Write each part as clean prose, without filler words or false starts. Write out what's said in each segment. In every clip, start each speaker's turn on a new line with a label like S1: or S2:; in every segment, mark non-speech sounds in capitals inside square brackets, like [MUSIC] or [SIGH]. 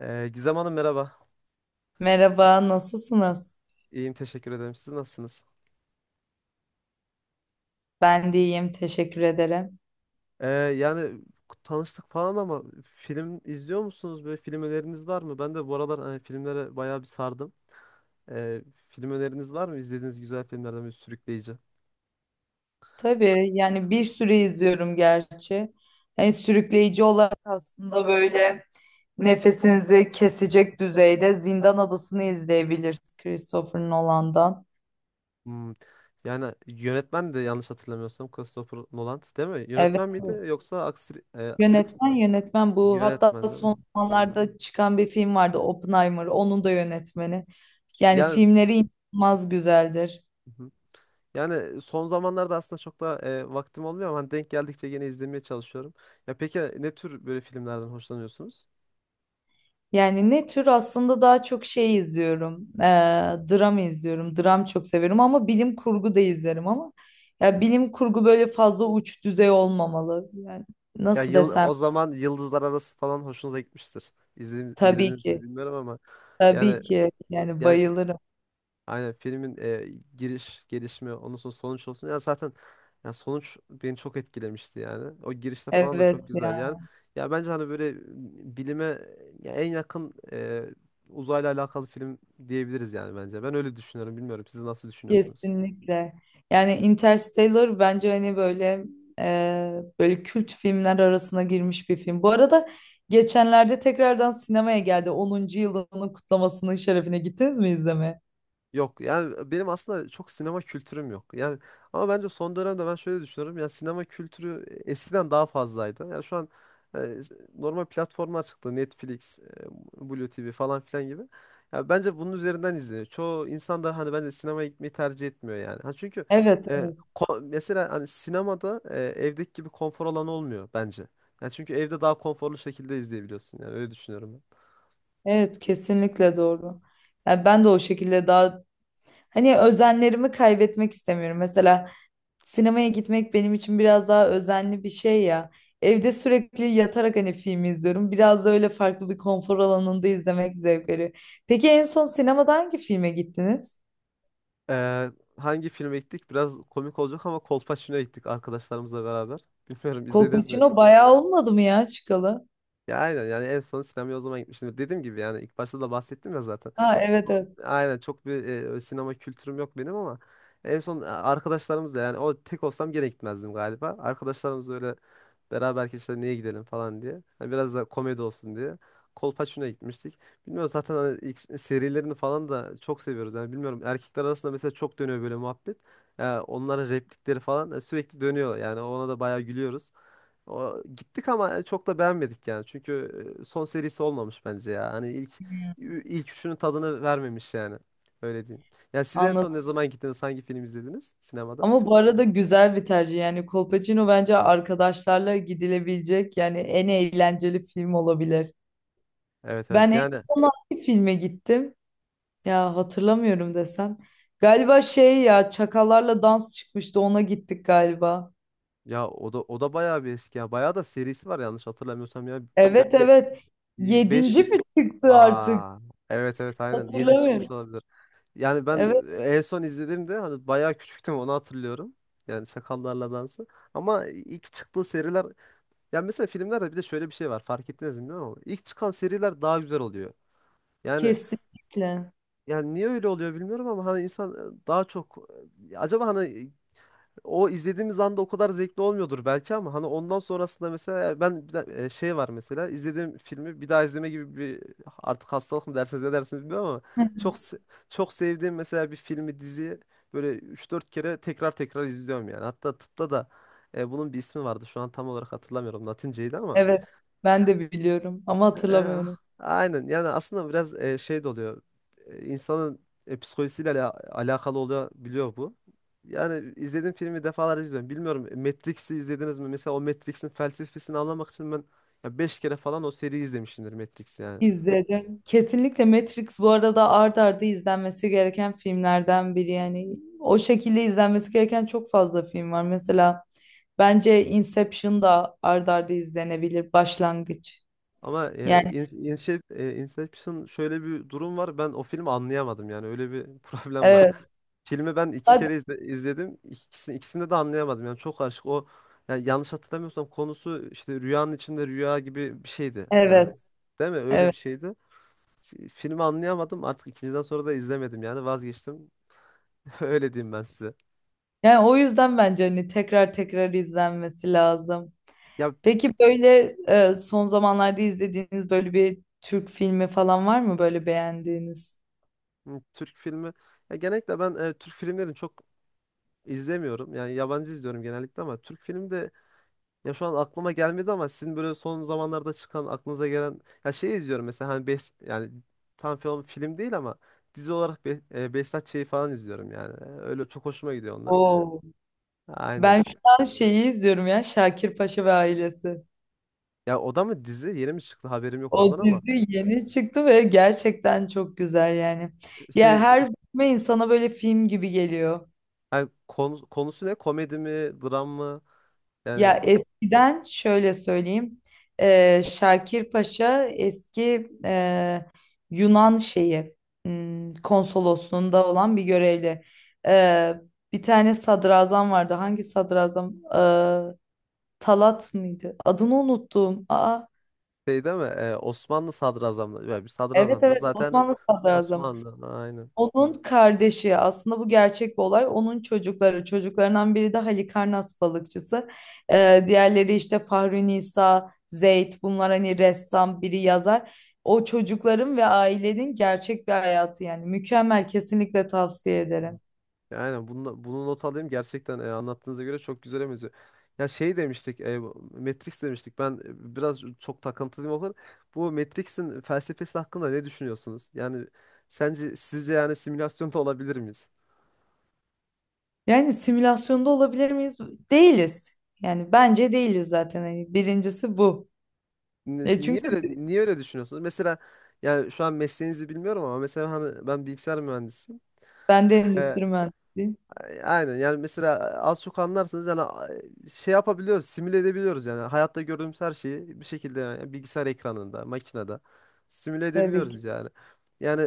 S1: Gizem Hanım merhaba.
S2: Merhaba, nasılsınız?
S1: İyiyim, teşekkür ederim. Siz nasılsınız?
S2: Ben de iyiyim, teşekkür ederim.
S1: Yani tanıştık falan ama film izliyor musunuz? Böyle film öneriniz var mı? Ben de bu aralar hani filmlere bayağı bir sardım. Ee, Film öneriniz var mı? İzlediğiniz güzel filmlerden bir sürükleyici.
S2: Tabii yani bir süre izliyorum gerçi. Yani sürükleyici olarak aslında böyle nefesinizi kesecek düzeyde Zindan Adası'nı izleyebilirsiniz Christopher Nolan'dan.
S1: Hmm. Yani yönetmen de yanlış hatırlamıyorsam Christopher Nolan değil mi?
S2: Evet,
S1: Yönetmen miydi yoksa aksi
S2: yönetmen bu. Hatta
S1: yönetmen değil
S2: son
S1: mi?
S2: zamanlarda çıkan bir film vardı Oppenheimer, onun da yönetmeni. Yani
S1: Yani
S2: filmleri inanılmaz güzeldir.
S1: Yani son zamanlarda aslında çok da vaktim olmuyor ama hani denk geldikçe yine izlemeye çalışıyorum. Ya peki ne tür böyle filmlerden hoşlanıyorsunuz?
S2: Yani ne tür aslında daha çok şey izliyorum. Dram izliyorum. Dram çok severim ama bilim kurgu da izlerim ama ya bilim kurgu böyle fazla uç düzey olmamalı. Yani
S1: Ya
S2: nasıl
S1: yıl
S2: desem
S1: o zaman Yıldızlar Arası falan hoşunuza gitmiştir. İzledi-
S2: tabii
S1: izlediniz mi
S2: ki.
S1: bilmiyorum ama
S2: Tabii
S1: yani
S2: ki yani
S1: yani
S2: bayılırım.
S1: aynen filmin giriş, gelişme, ondan sonra sonuç olsun. Ya zaten ya sonuç beni çok etkilemişti yani. O girişte falan da
S2: Evet
S1: çok güzel yani.
S2: ya,
S1: Ya bence hani böyle bilime ya en yakın uzayla alakalı film diyebiliriz yani bence. Ben öyle düşünüyorum. Bilmiyorum siz nasıl düşünüyorsunuz?
S2: kesinlikle. Yani Interstellar bence hani böyle böyle kült filmler arasına girmiş bir film. Bu arada geçenlerde tekrardan sinemaya geldi. 10. yılının kutlamasının şerefine gittiniz mi izlemeye?
S1: Yok, yani benim aslında çok sinema kültürüm yok. Yani ama bence son dönemde ben şöyle düşünüyorum. Yani sinema kültürü eskiden daha fazlaydı. Yani şu an e, normal platformlar çıktı. Netflix, Blue TV falan filan gibi. Ya bence bunun üzerinden izleniyor. Çoğu insan da hani bence sinemaya gitmeyi tercih etmiyor yani. Ha çünkü
S2: Evet,
S1: e,
S2: evet.
S1: mesela hani sinemada evdeki gibi konfor alanı olmuyor bence. Yani çünkü evde daha konforlu şekilde izleyebiliyorsun yani öyle düşünüyorum ben.
S2: Evet, kesinlikle doğru. Yani ben de o şekilde daha hani özenlerimi kaybetmek istemiyorum. Mesela sinemaya gitmek benim için biraz daha özenli bir şey ya. Evde sürekli yatarak hani film izliyorum. Biraz da öyle farklı bir konfor alanında izlemek zevk veriyor. Peki en son sinemada hangi filme gittiniz?
S1: Ee, Hangi filme gittik? Biraz komik olacak ama Kolpaçino'ya gittik arkadaşlarımızla beraber. [LAUGHS] Bilmiyorum izlediniz mi?
S2: Kolpaçino bayağı olmadı mı ya çıkalı?
S1: Ya aynen, yani en son sinemaya o zaman gitmiştim. Dediğim gibi, yani ilk başta da bahsettim ya zaten.
S2: Ha, evet
S1: Çok-
S2: evet.
S1: aynen çok bir sinema kültürüm yok benim ama en son arkadaşlarımızla, yani o tek olsam gene gitmezdim galiba. Arkadaşlarımız öyle beraber işte niye gidelim falan diye. Hani biraz da komedi olsun diye. Kolpaçino'ya gitmiştik. Bilmiyorum, zaten hani ilk serilerini falan da çok seviyoruz. Yani bilmiyorum, erkekler arasında mesela çok dönüyor böyle muhabbet. Ya onların replikleri falan sürekli dönüyor. Yani ona da bayağı gülüyoruz. O, gittik ama çok da beğenmedik yani. Çünkü son serisi olmamış bence ya. Hani ilk üçünün tadını vermemiş yani. Öyle diyeyim. Ya siz en
S2: Anladım.
S1: son ne zaman gittiniz? Hangi film izlediniz sinemada?
S2: Ama bu arada güzel bir tercih. Yani Kolpaçino bence arkadaşlarla gidilebilecek yani en eğlenceli film olabilir.
S1: Evet, evet.
S2: Ben en
S1: Yani
S2: son hangi filme gittim? Ya hatırlamıyorum desem. Galiba şey ya Çakallarla Dans çıkmıştı ona gittik galiba.
S1: ya o da bayağı bir eski ya. Bayağı da serisi var yanlış hatırlamıyorsam ya.
S2: Evet
S1: be
S2: evet. Yedinci
S1: beş.
S2: mi çıktı artık?
S1: Aa, evet evet, aynen 7 çıkmış
S2: Hatırlamıyorum.
S1: olabilir. Yani ben
S2: Evet,
S1: en son izlediğimde hani bayağı küçüktüm, onu hatırlıyorum. Yani Çakallarla Dansı. Ama ilk çıktığı seriler... Ya mesela filmlerde bir de şöyle bir şey var. Fark ettiniz mi bilmiyorum ama ilk çıkan seriler daha güzel oluyor. Yani
S2: kesinlikle.
S1: yani niye öyle oluyor bilmiyorum ama hani insan daha çok acaba hani o izlediğimiz anda o kadar zevkli olmuyordur belki ama hani ondan sonrasında mesela ben şey var, mesela izlediğim filmi bir daha izleme gibi bir artık hastalık mı dersiniz, ne dersiniz bilmiyorum ama çok
S2: [LAUGHS]
S1: se- çok sevdiğim mesela bir filmi, diziyi böyle üç dört kere tekrar tekrar izliyorum yani. Hatta tıpta da bunun bir ismi vardı. Şu an tam olarak hatırlamıyorum, Latinceydi ama...
S2: Evet, ben de biliyorum ama
S1: E,
S2: hatırlamıyorum.
S1: aynen, yani aslında biraz şey de oluyor. İnsanın psikolojisiyle alakalı oluyor, biliyor bu. Yani izlediğim filmi defalarca izliyorum. Bilmiyorum, Matrix'i izlediniz mi? Mesela o Matrix'in felsefesini anlamak için ben ya 5 kere falan o seriyi izlemişimdir Matrix yani.
S2: İzledim. Kesinlikle Matrix bu arada art arda izlenmesi gereken filmlerden biri yani. O şekilde izlenmesi gereken çok fazla film var. Mesela bence Inception da art arda izlenebilir başlangıç.
S1: Ama
S2: Yani
S1: Inception, şöyle bir durum var. Ben o filmi anlayamadım, yani öyle bir [LAUGHS] problem var.
S2: evet.
S1: Filmi ben iki
S2: Hadi.
S1: kere izledim. İkisini, ikisinde de anlayamadım. Yani çok karışık. O, yani yanlış hatırlamıyorsam konusu işte rüyanın içinde rüya gibi bir şeydi. Yani
S2: Evet.
S1: değil mi? Öyle
S2: Evet.
S1: bir şeydi. Filmi anlayamadım. Artık ikinciden sonra da izlemedim, yani vazgeçtim. [LAUGHS] Öyle diyeyim ben size.
S2: Yani o yüzden bence hani tekrar tekrar izlenmesi lazım.
S1: Ya
S2: Peki böyle son zamanlarda izlediğiniz böyle bir Türk filmi falan var mı böyle beğendiğiniz?
S1: Türk filmi, ya genellikle ben Türk filmlerini çok izlemiyorum. Yani yabancı izliyorum genellikle ama Türk filmi de... Ya şu an aklıma gelmedi ama sizin böyle son zamanlarda çıkan aklınıza gelen... Ya şey izliyorum mesela, hani yani tam film değil ama dizi olarak Behzat Ç'yi falan izliyorum yani. Öyle çok hoşuma gidiyor onlar.
S2: Oo.
S1: Aynen.
S2: Ben şu an şeyi izliyorum ya, Şakir Paşa ve ailesi.
S1: Ya o da mı dizi? Yeni mi çıktı? Haberim yok
S2: O
S1: ondan ama...
S2: dizi yeni çıktı ve gerçekten çok güzel yani. Ya
S1: Şey,
S2: her bölüme insana böyle film gibi geliyor.
S1: hani konusu ne? Komedi mi? Dram mı? Yani
S2: Ya eskiden şöyle söyleyeyim. Şakir Paşa eski Yunan şeyi konsolosluğunda olan bir görevli. Eee, Bir tane sadrazam vardı. Hangi sadrazam? Talat mıydı? Adını unuttum. Aa.
S1: şey değil mi? Osmanlı sadrazamları. Ya bir
S2: Evet
S1: sadrazamsınız
S2: evet,
S1: zaten.
S2: Osmanlı sadrazamı.
S1: Osmanlı. Aynen.
S2: Onun kardeşi aslında bu gerçek bir olay. Onun çocukları çocuklarından biri de Halikarnas balıkçısı. Diğerleri işte Fahri Nisa, Zeyd bunlar hani ressam biri yazar. O çocukların ve ailenin gerçek bir hayatı yani, mükemmel, kesinlikle tavsiye ederim.
S1: Yani bunu not alayım gerçekten, anlattığınıza göre çok güzel benziyor. Ya şey demiştik, Matrix demiştik. Ben biraz çok takıntılıyım o kadar. Bu Matrix'in felsefesi hakkında ne düşünüyorsunuz? Yani sence, sizce yani simülasyonda olabilir miyiz?
S2: Yani simülasyonda olabilir miyiz? Değiliz. Yani bence değiliz zaten. Hani birincisi bu.
S1: Ne-
S2: E
S1: Niye
S2: çünkü
S1: öyle niye öyle düşünüyorsunuz? Mesela yani şu an mesleğinizi bilmiyorum ama mesela hani ben bilgisayar mühendisiyim.
S2: ben de
S1: E,
S2: endüstri mühendisiyim.
S1: Aynen, yani mesela az çok anlarsınız yani, şey yapabiliyoruz, simüle edebiliyoruz yani hayatta gördüğümüz her şeyi bir şekilde yani bilgisayar ekranında, makinede simüle
S2: Tabii ki.
S1: edebiliyoruz yani. Yani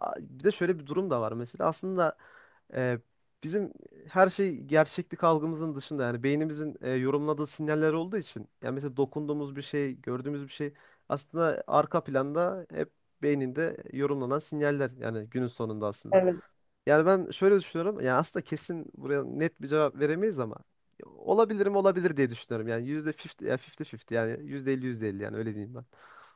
S1: bir de şöyle bir durum da var mesela. Aslında e, bizim her şey gerçeklik algımızın dışında, yani beynimizin yorumladığı sinyaller olduğu için, yani mesela dokunduğumuz bir şey, gördüğümüz bir şey aslında arka planda hep beyninde yorumlanan sinyaller yani günün sonunda aslında.
S2: Evet.
S1: Yani ben şöyle düşünüyorum. Yani aslında kesin buraya net bir cevap veremeyiz ama olabilirim, olabilir diye düşünüyorum. Yani yüzde 50 ya 50, yani yüzde elli yüzde elli yani, öyle diyeyim ben.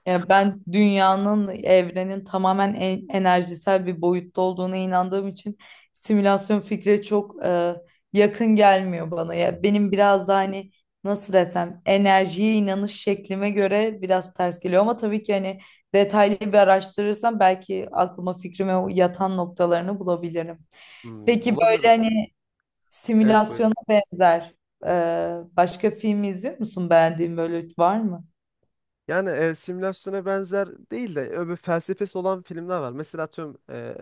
S2: Yani ben dünyanın, evrenin tamamen enerjisel bir boyutta olduğuna inandığım için simülasyon fikri çok yakın gelmiyor bana. Ya benim biraz da hani nasıl desem enerjiye inanış şeklime göre biraz ters geliyor ama tabii ki hani detaylı bir araştırırsam belki aklıma, fikrime yatan noktalarını bulabilirim.
S1: Hmm,
S2: Peki
S1: olabilir.
S2: böyle hani
S1: Evet,
S2: simülasyona
S1: buyurun.
S2: benzer e, başka film izliyor musun? Beğendiğin böyle var mı?
S1: Yani simülasyona benzer değil de öbür felsefesi olan filmler var. Mesela atıyorum,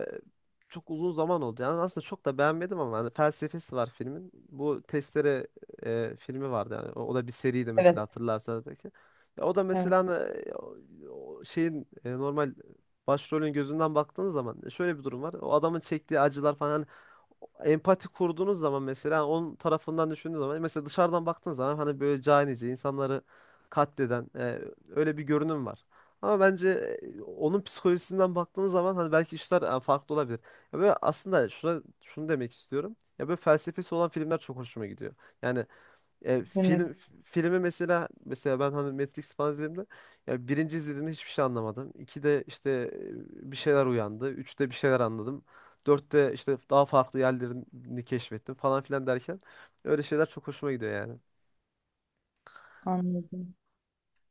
S1: çok uzun zaman oldu. Yani aslında çok da beğenmedim ama hani felsefesi var filmin. Bu Testere filmi vardı yani. O da bir seriydi
S2: Evet,
S1: mesela, hatırlarsanız belki. Ya o da
S2: evet,
S1: mesela hani, o şeyin normal başrolün gözünden baktığınız zaman şöyle bir durum var. O adamın çektiği acılar falan, empati kurduğunuz zaman mesela, yani onun tarafından düşündüğünüz zaman mesela dışarıdan baktığınız zaman hani böyle canice insanları katleden öyle bir görünüm var. Ama bence onun psikolojisinden baktığınız zaman hani belki işler farklı olabilir. Ya böyle aslında şuna, şunu demek istiyorum. Ya böyle felsefesi olan filmler çok hoşuma gidiyor. Yani
S2: kesinlikle
S1: film, filmi mesela ben hani Matrix falan izlediğimde ya birinci izlediğimde hiçbir şey anlamadım. İkide işte bir şeyler uyandı. Üçte bir şeyler anladım. Dörtte işte daha farklı yerlerini keşfettim falan filan derken öyle şeyler çok hoşuma gidiyor yani.
S2: anladım.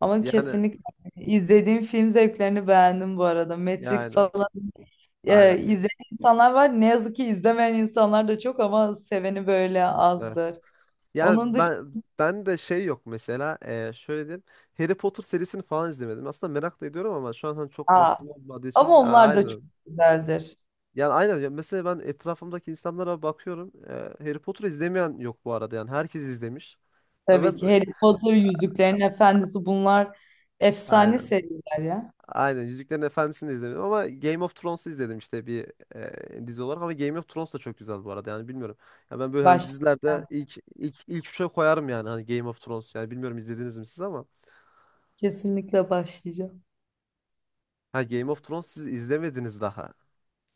S2: Ama
S1: Yani
S2: kesinlikle izlediğim film zevklerini beğendim bu arada. Matrix
S1: yani
S2: falan
S1: aynen.
S2: izleyen insanlar var. Ne yazık ki izlemeyen insanlar da çok ama seveni böyle
S1: Evet.
S2: azdır.
S1: Yani
S2: Onun dışında,
S1: ben de şey yok mesela, şöyle diyeyim, Harry Potter serisini falan izlemedim. Aslında merak da ediyorum ama şu an hani çok
S2: Aa,
S1: vaktim olmadığı için
S2: ama
S1: ya,
S2: onlar da çok
S1: aynen.
S2: güzeldir.
S1: Yani aynen mesela ben etrafımdaki insanlara bakıyorum. Harry Potter izlemeyen yok bu arada, yani herkes izlemiş. Ya ben
S2: Tabii ki Harry Potter, Yüzüklerin Efendisi bunlar efsane
S1: aynen.
S2: seriler ya.
S1: Aynen Yüzüklerin Efendisi'ni de izlemedim ama Game of Thrones'u izledim işte bir dizi olarak, ama Game of Thrones da çok güzel bu arada yani, bilmiyorum. Ya ben böyle hani dizilerde
S2: Başlayacağım.
S1: ilk, ilk üçe koyarım yani, hani Game of Thrones yani, bilmiyorum izlediniz mi siz ama...
S2: Kesinlikle başlayacağım.
S1: Ha, Game of Thrones siz izlemediniz daha.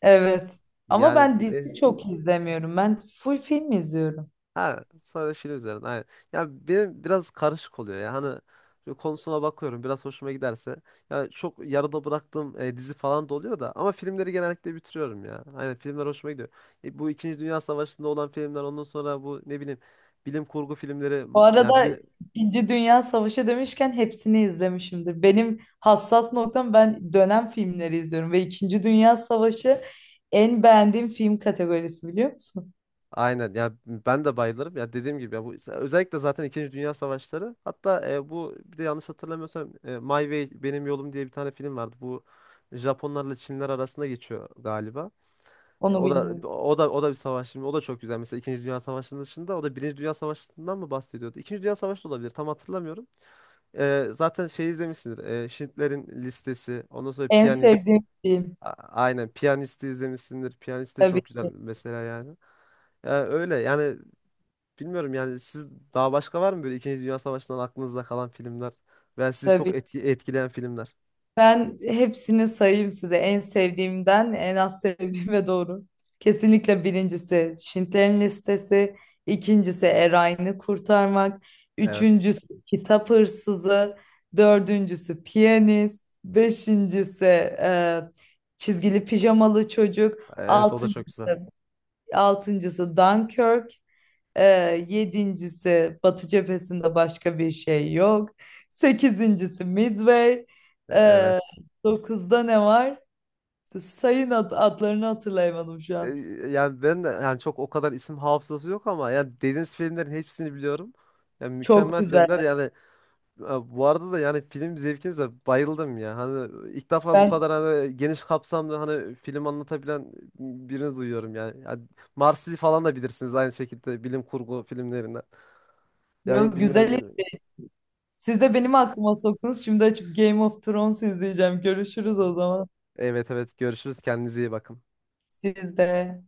S2: Evet. Ama
S1: Yani...
S2: ben dizi çok izlemiyorum. Ben full film izliyorum.
S1: Ha, sadece film üzerine, aynen. Ya benim biraz karışık oluyor ya. Hani şöyle konusuna bakıyorum, biraz hoşuma giderse. Ya çok yarıda bıraktığım dizi falan da oluyor da, ama filmleri genellikle bitiriyorum ya. Aynen, filmler hoşuma gidiyor. Bu İkinci Dünya Savaşı'nda olan filmler, ondan sonra bu, ne bileyim, bilim kurgu filmleri
S2: Bu
S1: ya
S2: arada İkinci Dünya Savaşı demişken hepsini izlemişimdir. Benim hassas noktam, ben dönem filmleri izliyorum ve İkinci Dünya Savaşı en beğendiğim film kategorisi, biliyor musun?
S1: aynen. Ya ben de bayılırım. Ya dediğim gibi ya, bu özellikle zaten İkinci Dünya Savaşları. Hatta bu bir de yanlış hatırlamıyorsam My Way Benim Yolum diye bir tane film vardı. Bu Japonlarla Çinler arasında geçiyor galiba. Ya
S2: Onu
S1: o
S2: bilmiyorum.
S1: da o da o da bir savaş filmi. O da çok güzel. Mesela İkinci Dünya Savaşı'nın dışında o da Birinci Dünya Savaşı'ndan mı bahsediyordu? İkinci Dünya Savaşı da olabilir. Tam hatırlamıyorum. Zaten şey izlemişsindir. Schindler'in Listesi. Ondan sonra
S2: En
S1: Piyanist.
S2: sevdiğim film.
S1: Aynen. Piyanist'i izlemişsindir. Piyanist de
S2: Tabii
S1: çok güzel mesela yani. Yani öyle. Yani bilmiyorum, yani siz daha başka var mı böyle İkinci Dünya Savaşı'ndan aklınızda kalan filmler veya sizi çok
S2: tabii.
S1: etkileyen filmler?
S2: Ben hepsini sayayım size. En sevdiğimden en az sevdiğime doğru. Kesinlikle birincisi Schindler'in Listesi. İkincisi Erayn'ı Kurtarmak.
S1: Evet.
S2: Üçüncüsü Kitap Hırsızı. Dördüncüsü Piyanist. Beşincisi Çizgili Pijamalı Çocuk.
S1: Evet, o da çok güzel.
S2: Altıncısı, altıncısı Dunkirk. Yedincisi Batı cephesinde başka bir şey yok. Sekizincisi Midway.
S1: E-
S2: Ee,
S1: Evet.
S2: Dokuzda ne var? Sayın adlarını hatırlayamadım şu
S1: E,
S2: an.
S1: Yani ben de yani çok o kadar isim hafızası yok ama yani dediğiniz filmlerin hepsini biliyorum. Yani
S2: Çok
S1: mükemmel
S2: güzel.
S1: filmler yani, e, bu arada da yani film zevkinize bayıldım ya. Hani ilk defa bu
S2: Ben
S1: kadar hani geniş kapsamlı hani film anlatabilen birini duyuyorum yani. Yani Marsi falan da bilirsiniz aynı şekilde, bilim kurgu filmlerinden.
S2: Yo,
S1: Yani bilmiyorum.
S2: güzel. Siz de benim aklıma soktunuz. Şimdi açıp Game of Thrones izleyeceğim. Görüşürüz o zaman.
S1: Evet, evet, görüşürüz, kendinize iyi bakın.
S2: Siz de.